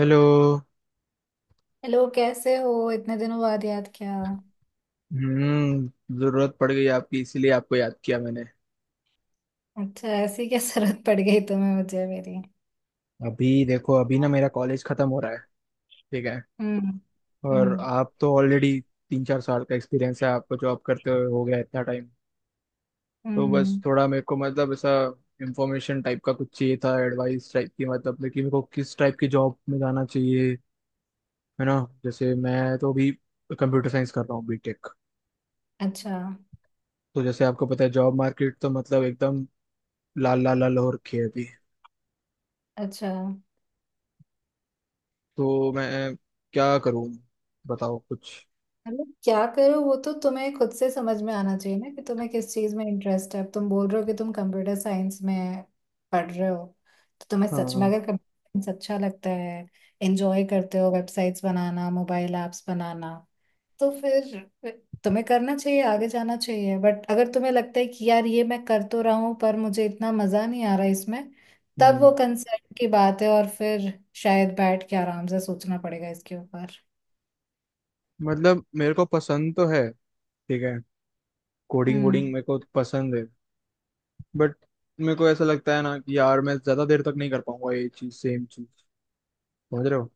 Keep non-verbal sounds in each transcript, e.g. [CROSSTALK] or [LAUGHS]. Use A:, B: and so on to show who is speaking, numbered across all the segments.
A: Hello.
B: Hello. कैसे हो? इतने दिनों बाद याद किया।
A: हम्म। जरूरत पड़ गई आपकी, इसीलिए आपको याद किया मैंने।
B: अच्छा, ऐसी क्या जरूरत पड़ गई तुम्हें? मुझे मेरी।
A: अभी देखो, अभी ना मेरा कॉलेज खत्म हो रहा है। ठीक है।
B: हम्म।
A: और
B: हम्म।
A: आप तो ऑलरेडी 3-4 साल का एक्सपीरियंस है, आपको जॉब करते हुए हो गया इतना टाइम। तो बस
B: हम्म।
A: थोड़ा मेरे को, मतलब ऐसा इंफॉर्मेशन टाइप का कुछ चाहिए था, एडवाइस टाइप की मतलब, लेकिन मेरे को किस टाइप की जॉब में जाना चाहिए, है ना। जैसे मैं तो अभी कंप्यूटर साइंस कर रहा हूँ, बीटेक।
B: अच्छा।
A: तो जैसे आपको पता है जॉब मार्केट तो मतलब एकदम लाल लाल लाल हो रखी है अभी।
B: अच्छा।
A: तो मैं क्या करूँ? बताओ कुछ।
B: मतलब क्या करो, वो तो तुम्हें खुद से समझ में आना चाहिए ना कि तुम्हें किस चीज में इंटरेस्ट है। अब तुम बोल रहे हो कि तुम कंप्यूटर साइंस में पढ़ रहे हो। तो तुम्हें सच में
A: हाँ।
B: अगर कंप्यूटर साइंस अच्छा लगता है, एंजॉय करते हो वेबसाइट्स बनाना, मोबाइल ऐप्स बनाना, तो फिर तुम्हें करना चाहिए, आगे जाना चाहिए। बट अगर तुम्हें लगता है कि यार ये मैं कर तो रहा हूं पर मुझे इतना मजा नहीं आ रहा इसमें, तब
A: हम्म।
B: वो कंसर्न की बात है। और फिर शायद बैठ के आराम से सोचना पड़ेगा इसके ऊपर।
A: मतलब मेरे को पसंद तो है। ठीक है, कोडिंग वोडिंग
B: हम्म।
A: मेरे को पसंद है, बट मेरे को ऐसा लगता है ना कि यार मैं ज्यादा देर तक नहीं कर पाऊंगा ये चीज, सेम चीज। समझ रहे हो?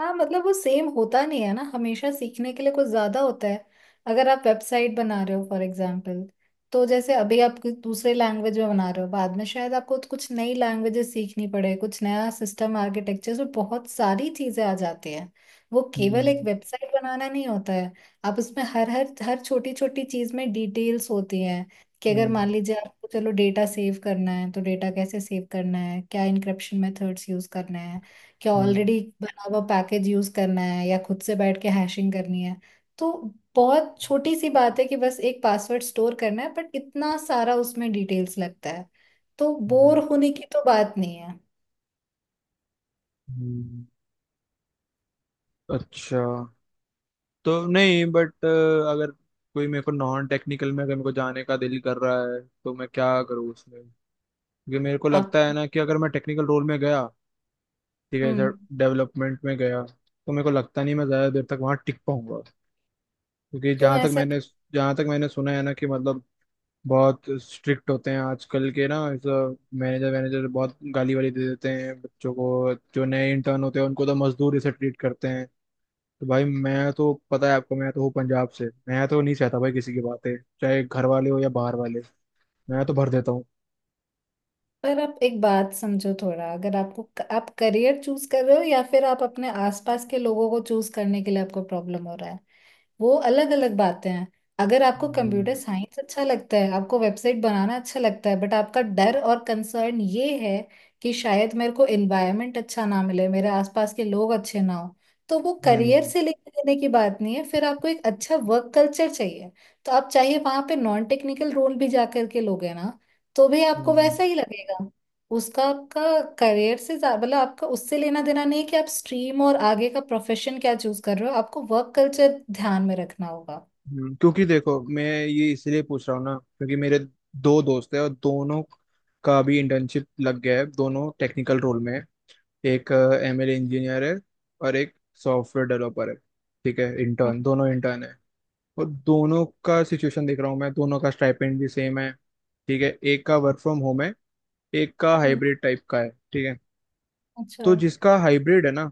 B: हाँ, मतलब वो सेम होता नहीं है ना, हमेशा सीखने के लिए कुछ ज्यादा होता है। अगर आप वेबसाइट बना रहे हो फॉर एग्जाम्पल, तो जैसे अभी आप कुछ दूसरे लैंग्वेज में बना रहे हो, बाद में शायद आपको तो कुछ नई लैंग्वेजेस सीखनी पड़े, कुछ नया सिस्टम आर्किटेक्चर, तो बहुत सारी चीजें आ जाती हैं। वो केवल एक
A: हम्म।
B: वेबसाइट बनाना नहीं होता है। आप उसमें हर हर हर छोटी छोटी चीज में डिटेल्स होती हैं कि अगर
A: हम्म।
B: मान लीजिए आपको चलो डेटा सेव करना है, तो डेटा कैसे सेव करना है, क्या इनक्रिप्शन मेथड्स यूज करना है, क्या ऑलरेडी
A: हम्म।
B: बना हुआ पैकेज यूज करना है या खुद से बैठ के हैशिंग करनी है। तो बहुत छोटी सी बात है कि बस एक पासवर्ड स्टोर करना है, बट इतना सारा उसमें डिटेल्स लगता है। तो बोर
A: हम्म।
B: होने की तो बात नहीं है।
A: हम्म। अच्छा। तो नहीं, बट अगर कोई, मेरे को नॉन टेक्निकल में अगर मेरे को जाने का दिल कर रहा है, तो मैं क्या करूँ उसमें? क्योंकि मेरे को लगता है
B: आपको।
A: ना कि अगर मैं टेक्निकल रोल में गया, ठीक है सर,
B: हम्म।
A: डेवलपमेंट में गया तो मेरे को लगता नहीं मैं ज़्यादा देर तक वहाँ टिक पाऊंगा। क्योंकि
B: क्यों ऐसा?
A: जहाँ तक मैंने सुना है ना कि मतलब, बहुत स्ट्रिक्ट होते हैं आजकल के ना मैनेजर, मैनेजर बहुत गाली वाली दे देते हैं बच्चों को, जो नए इंटर्न होते हैं उनको तो मजदूर से ट्रीट करते हैं। तो भाई मैं तो, पता है आपको, मैं तो हूँ पंजाब से। मैं तो नहीं सहता भाई किसी की बातें, चाहे घर वाले हो या बाहर वाले। मैं तो भर देता हूँ।
B: पर आप एक बात समझो थोड़ा, अगर आपको आप करियर चूज कर रहे हो, या फिर आप अपने आसपास के लोगों को चूज करने के लिए आपको प्रॉब्लम हो रहा है, वो अलग अलग बातें हैं। अगर आपको कंप्यूटर
A: हम्म।
B: साइंस अच्छा लगता है, आपको वेबसाइट बनाना अच्छा लगता है, बट आपका डर और कंसर्न ये है कि शायद मेरे को एनवायरनमेंट अच्छा ना मिले, मेरे आसपास के लोग अच्छे ना हो, तो वो करियर
A: हम्म।
B: से लेकर देने की बात नहीं है। फिर आपको एक अच्छा वर्क कल्चर चाहिए। तो आप चाहिए वहां पे नॉन टेक्निकल रोल भी जा करके लोगे ना, तो भी आपको
A: हम्म।
B: वैसा ही लगेगा। उसका आपका करियर से मतलब आपका उससे लेना देना नहीं है कि आप स्ट्रीम और आगे का प्रोफेशन क्या चूज कर रहे हो, आपको वर्क कल्चर ध्यान में रखना होगा।
A: हम्म। क्योंकि देखो मैं ये इसलिए पूछ रहा हूँ ना, क्योंकि मेरे दो दोस्त हैं और दोनों का भी इंटर्नशिप लग गया है, दोनों टेक्निकल रोल में हैं। एक एमएल इंजीनियर है और एक सॉफ्टवेयर डेवलपर है। ठीक है,
B: हम्म।
A: इंटर्न, दोनों इंटर्न है। और दोनों का सिचुएशन देख रहा हूँ मैं, दोनों का स्टाइपेंड भी सेम है। ठीक है, एक का वर्क फ्रॉम होम है, एक का
B: हम्म।
A: हाइब्रिड टाइप का है। ठीक है।
B: अच्छा।
A: तो जिसका हाइब्रिड है ना,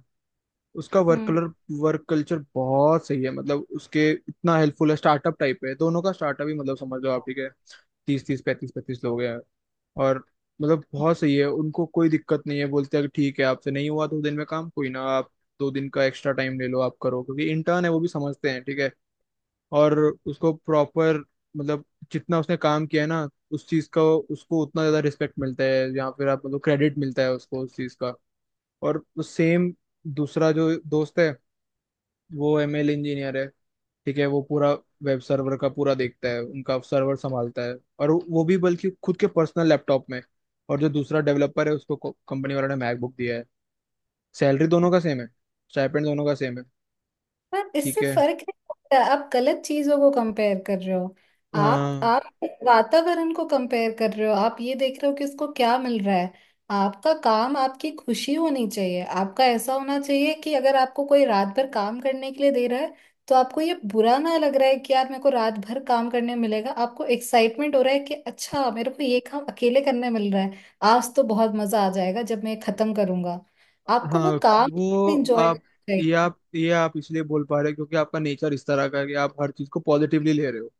A: उसका
B: हम्म।
A: वर्क कल्चर बहुत सही है, मतलब उसके इतना हेल्पफुल है, स्टार्टअप टाइप है, दोनों का स्टार्टअप ही मतलब, समझ लो आप। ठीक है। 30 30 35 35 लोग हैं, और मतलब बहुत सही है, उनको कोई दिक्कत नहीं है। बोलते हैं कि ठीक है, आपसे नहीं हुआ 2 दिन में काम, कोई ना, आप 2 दिन का एक्स्ट्रा टाइम ले लो, आप करो, क्योंकि इंटर्न है, वो भी समझते हैं। ठीक है। और उसको प्रॉपर, मतलब जितना उसने काम किया है ना उस चीज का, उसको उतना ज्यादा रिस्पेक्ट मिलता है या फिर आप मतलब क्रेडिट मिलता है उसको उस चीज का। और सेम, दूसरा जो दोस्त है वो एमएल इंजीनियर है। ठीक है, वो पूरा वेब सर्वर का पूरा देखता है, उनका सर्वर संभालता है, और वो भी बल्कि खुद के पर्सनल लैपटॉप में। और जो दूसरा डेवलपर है उसको कंपनी वालों ने मैकबुक दिया है। सैलरी दोनों का सेम है, स्टाइपेंड दोनों का सेम है।
B: पर
A: ठीक
B: इससे
A: है।
B: फर्क नहीं पड़ता, आप गलत चीजों को कंपेयर कर रहे हो। आप
A: हाँ।
B: आप वातावरण को कंपेयर कर रहे हो, आप ये देख रहे हो कि उसको क्या मिल रहा है। आपका काम आपकी खुशी होनी चाहिए। आपका ऐसा होना चाहिए कि अगर आपको कोई रात भर काम करने के लिए दे रहा है, तो आपको ये बुरा ना लग रहा है कि यार मेरे को रात भर काम करने मिलेगा, आपको एक्साइटमेंट हो रहा है कि अच्छा मेरे को ये काम अकेले करने मिल रहा है, आज तो बहुत मजा आ जाएगा जब मैं ये खत्म करूंगा। आपको
A: हाँ।
B: वो काम
A: वो
B: एंजॉय करना
A: आप ये
B: चाहिए।
A: आप ये आप इसलिए बोल पा रहे हो क्योंकि आपका नेचर इस तरह का है कि आप हर चीज को पॉजिटिवली ले रहे हो।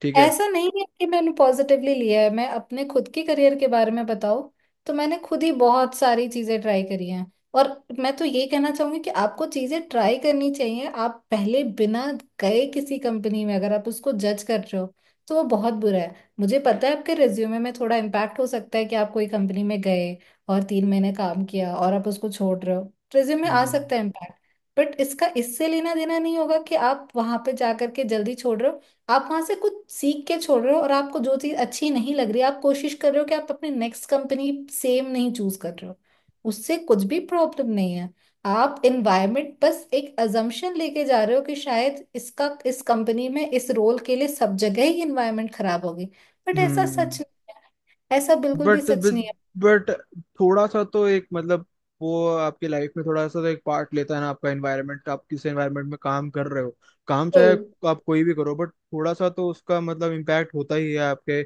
A: ठीक है।
B: ऐसा नहीं है कि मैंने पॉजिटिवली लिया है। मैं अपने खुद के करियर के बारे में बताऊँ, तो मैंने खुद ही बहुत सारी चीज़ें ट्राई करी हैं। और मैं तो ये कहना चाहूंगी कि आपको चीज़ें ट्राई करनी चाहिए। आप पहले बिना गए किसी कंपनी में अगर आप उसको जज कर रहे हो, तो वो बहुत बुरा है। मुझे पता है आपके रिज्यूमे में थोड़ा इम्पैक्ट हो सकता है कि आप कोई कंपनी में गए और 3 महीने काम किया और आप उसको छोड़ रहे हो, रिज्यूमे आ
A: हम्म।
B: सकता है इम्पैक्ट। बट इसका इससे लेना देना नहीं होगा कि आप वहां पे जा करके जल्दी छोड़ रहे हो। आप वहां से कुछ सीख के छोड़ रहे हो और आपको जो चीज अच्छी नहीं लग रही, आप कोशिश कर रहे हो कि आप अपने नेक्स्ट कंपनी सेम नहीं चूज कर रहे हो। उससे कुछ भी प्रॉब्लम नहीं है। आप एनवायरनमेंट बस एक अजम्पशन लेके जा रहे हो कि शायद इसका इस कंपनी में इस रोल के लिए सब जगह ही एनवायरनमेंट खराब होगी। बट ऐसा सच
A: हम्म।
B: नहीं है, ऐसा बिल्कुल भी
A: बट
B: सच नहीं है।
A: बट थोड़ा सा तो एक मतलब, वो आपकी लाइफ में थोड़ा सा तो एक पार्ट लेता है ना आपका एनवायरनमेंट, आप किस एनवायरनमेंट में काम कर रहे हो। काम चाहे
B: बिल्कुल।
A: आप कोई भी करो, बट थोड़ा सा तो उसका मतलब इम्पैक्ट होता ही है आपके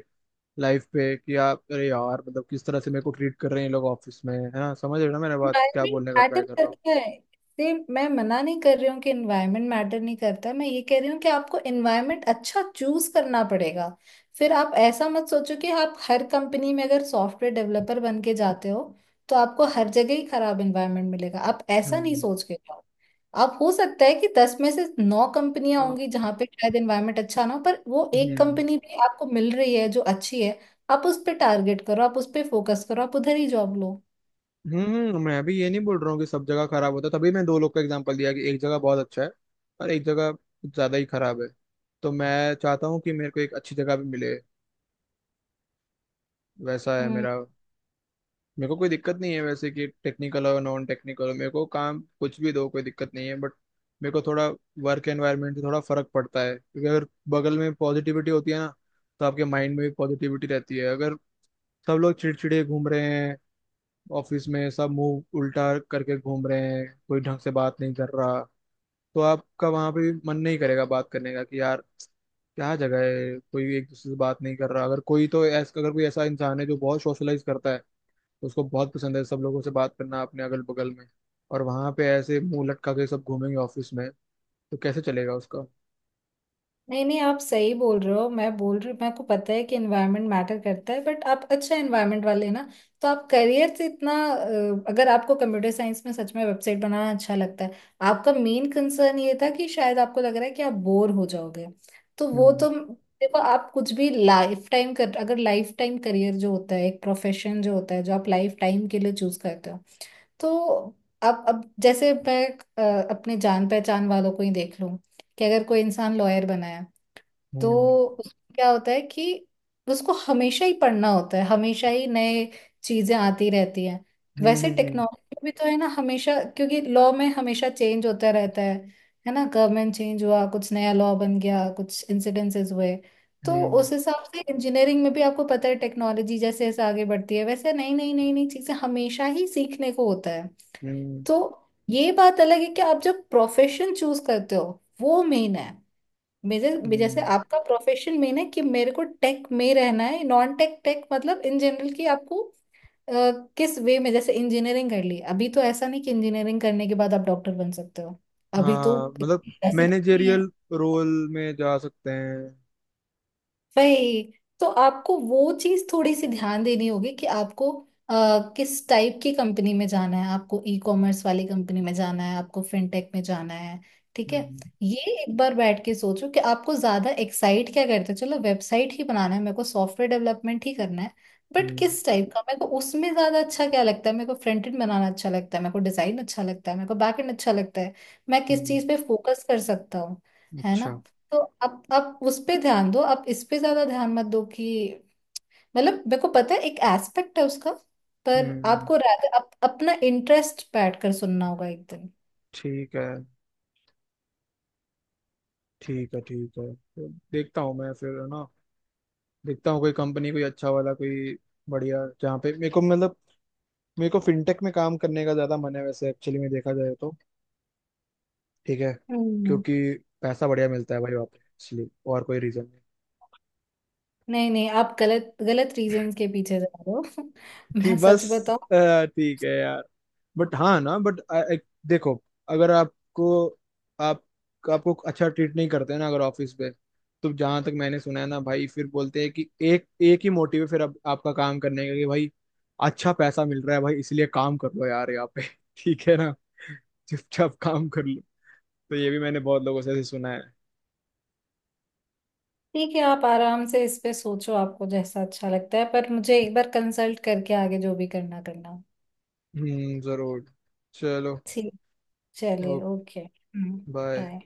A: लाइफ पे कि आप, अरे यार मतलब, किस तरह से मेरे को ट्रीट कर रहे हैं ये लोग ऑफिस में, है ना? समझ रहे हो ना मेरा बात, क्या
B: इन्वायरमेंट
A: बोलने का ट्राई
B: मैटर
A: कर रहा हूँ?
B: करता है, इससे मैं मना नहीं कर रही हूँ कि इन्वायरमेंट मैटर नहीं करता। मैं ये कह रही हूँ कि आपको इन्वायरमेंट अच्छा चूज करना पड़ेगा। फिर आप ऐसा मत सोचो कि आप हर कंपनी में अगर सॉफ्टवेयर डेवलपर बन के जाते हो, तो आपको हर जगह ही खराब इन्वायरमेंट मिलेगा, आप ऐसा नहीं
A: हम्म।
B: सोच के जाओ। आप हो सकता है कि 10 में से 9 कंपनियां होंगी
A: आ-
B: जहां पे शायद इन्वायरमेंट अच्छा ना हो, पर वो एक
A: हम्म।
B: कंपनी भी आपको मिल रही है जो अच्छी है। आप उस पर टारगेट करो, आप उस पर फोकस करो, आप उधर ही जॉब लो।
A: हम्म। मैं अभी ये नहीं बोल रहा हूँ कि सब जगह खराब होता है। तभी मैं दो लोग का एग्जांपल दिया कि एक जगह बहुत अच्छा है और एक जगह कुछ ज्यादा ही खराब है। तो मैं चाहता हूँ कि मेरे को एक अच्छी जगह भी मिले, वैसा है
B: हम्म।
A: मेरा। मेरे को कोई दिक्कत नहीं है वैसे, कि टेक्निकल और नॉन टेक्निकल हो, मेरे को काम कुछ भी दो, कोई दिक्कत नहीं है, बट मेरे को थोड़ा वर्क एनवायरनमेंट से थोड़ा फर्क पड़ता है, क्योंकि अगर बगल में पॉजिटिविटी होती है ना, तो आपके माइंड में भी पॉजिटिविटी रहती है। अगर सब लोग चिड़चिड़े घूम रहे हैं, ऑफिस में सब मुंह उल्टा करके घूम रहे हैं, कोई ढंग से बात नहीं कर रहा, तो आपका वहां पे भी मन नहीं करेगा बात करने का, कि यार क्या जगह है, कोई एक दूसरे से बात नहीं कर रहा। अगर कोई ऐसा इंसान है जो बहुत सोशलाइज करता है, तो उसको बहुत पसंद है सब लोगों से बात करना अपने अगल बगल में, और वहां पे ऐसे मुंह लटका के सब घूमेंगे ऑफिस में, तो कैसे चलेगा उसका?
B: नहीं नहीं, आप सही बोल रहे हो, मैं बोल रही हूँ मेरे को पता है कि एनवायरनमेंट मैटर करता है, बट आप अच्छा एनवायरनमेंट वाले हैं ना। तो आप करियर से इतना अगर आपको कंप्यूटर साइंस में सच में वेबसाइट बनाना अच्छा लगता है, आपका मेन कंसर्न ये था कि शायद आपको लग रहा है कि आप बोर हो जाओगे, तो वो
A: हम्म।
B: तो। देखो, आप कुछ भी लाइफ टाइम कर अगर लाइफ टाइम करियर जो होता है, एक प्रोफेशन जो होता है जो आप लाइफ टाइम के लिए चूज करते हो, तो आप अब जैसे मैं अपने जान पहचान वालों को ही देख लूं कि अगर कोई इंसान लॉयर बना है, तो
A: हम्म।
B: उसमें क्या होता है कि उसको हमेशा ही पढ़ना होता है, हमेशा ही नए चीजें आती रहती हैं।
A: हम्म।
B: वैसे
A: हम्म।
B: टेक्नोलॉजी भी तो है ना हमेशा, क्योंकि लॉ में हमेशा चेंज होता रहता है ना? गवर्नमेंट चेंज हुआ, कुछ नया लॉ बन गया, कुछ इंसिडेंसेस हुए। तो
A: हम्म।
B: उस हिसाब से इंजीनियरिंग में भी आपको पता है, टेक्नोलॉजी जैसे जैसे आगे बढ़ती है, वैसे नई नई नई नई चीजें हमेशा ही सीखने को होता है।
A: हम्म। हम्म।
B: तो ये बात अलग है कि आप जब प्रोफेशन चूज करते हो, वो मेन है। जैसे
A: हम्म।
B: आपका प्रोफेशन मेन है कि मेरे को टेक में रहना है, नॉन टेक, टेक मतलब इन जनरल, कि आपको अ, किस वे में, जैसे इंजीनियरिंग कर ली अभी, तो ऐसा नहीं कि इंजीनियरिंग करने के बाद आप डॉक्टर बन सकते हो। अभी तो
A: हाँ, मतलब
B: ऐसे भी नहीं,
A: मैनेजेरियल रोल में जा सकते हैं।
B: वही। तो आपको वो चीज थोड़ी सी ध्यान देनी होगी कि आपको अ, किस टाइप की कंपनी में जाना है, आपको ई कॉमर्स वाली कंपनी में जाना है, आपको फिनटेक में जाना है। ठीक है।
A: हम्म।
B: ये एक बार बैठ के सोचो कि आपको ज्यादा एक्साइट क्या करते हो, चलो वेबसाइट ही बनाना है, मेरे को सॉफ्टवेयर डेवलपमेंट ही करना है, बट
A: हम्म।
B: किस टाइप का मेरे को उसमें ज्यादा अच्छा क्या लगता है। मेरे को फ्रंट एंड बनाना अच्छा लगता है, मेरे को डिजाइन अच्छा लगता है, मेरे को बैक एंड अच्छा लगता है, मैं
A: हम्म।
B: किस
A: हम्म।
B: चीज पे फोकस कर सकता हूँ, है ना?
A: अच्छा।
B: तो अब उस पे ध्यान दो, आप इस पे ज्यादा ध्यान मत दो कि, मतलब मेरे को पता है एक एस्पेक्ट है उसका, पर
A: हम्म।
B: आपको rather अपना इंटरेस्ट बैठ कर सुनना होगा एक दिन।
A: ठीक है। ठीक है। ठीक है, तो देखता हूँ मैं फिर, है ना। देखता हूँ कोई कंपनी, कोई अच्छा वाला, कोई बढ़िया, जहाँ पे मेरे को मतलब, मेरे को फिनटेक में काम करने का ज्यादा मन है वैसे, एक्चुअली में देखा जाए तो। ठीक है।
B: हम्म।
A: क्योंकि पैसा बढ़िया मिलता है भाई वहाँ पे, इसलिए। और कोई रीजन नहीं।
B: नहीं नहीं, आप गलत गलत रीजन के पीछे जा रहे हो। [LAUGHS] मैं
A: ठीक, बस।
B: सच बताऊं।
A: ठीक है यार। बट हाँ ना, बट देखो, अगर आप आपको अच्छा ट्रीट नहीं करते ना अगर ऑफिस पे, तो जहां तक मैंने सुना है ना भाई, फिर बोलते हैं कि एक एक ही मोटिव है फिर अब आपका काम करने का, कि भाई अच्छा पैसा मिल रहा है भाई, इसलिए काम कर लो यार यहाँ पे, [LAUGHS] ठीक है ना, चुपचाप काम कर लो। तो ये भी मैंने बहुत लोगों से ऐसे सुना है।
B: ठीक है, आप आराम से इस पे सोचो, आपको जैसा अच्छा लगता है, पर मुझे एक बार कंसल्ट करके आगे जो भी करना करना।
A: हम्म, जरूर। चलो।
B: ठीक। चलिए,
A: ओके।
B: ओके। हम्म।
A: बाय।
B: बाय।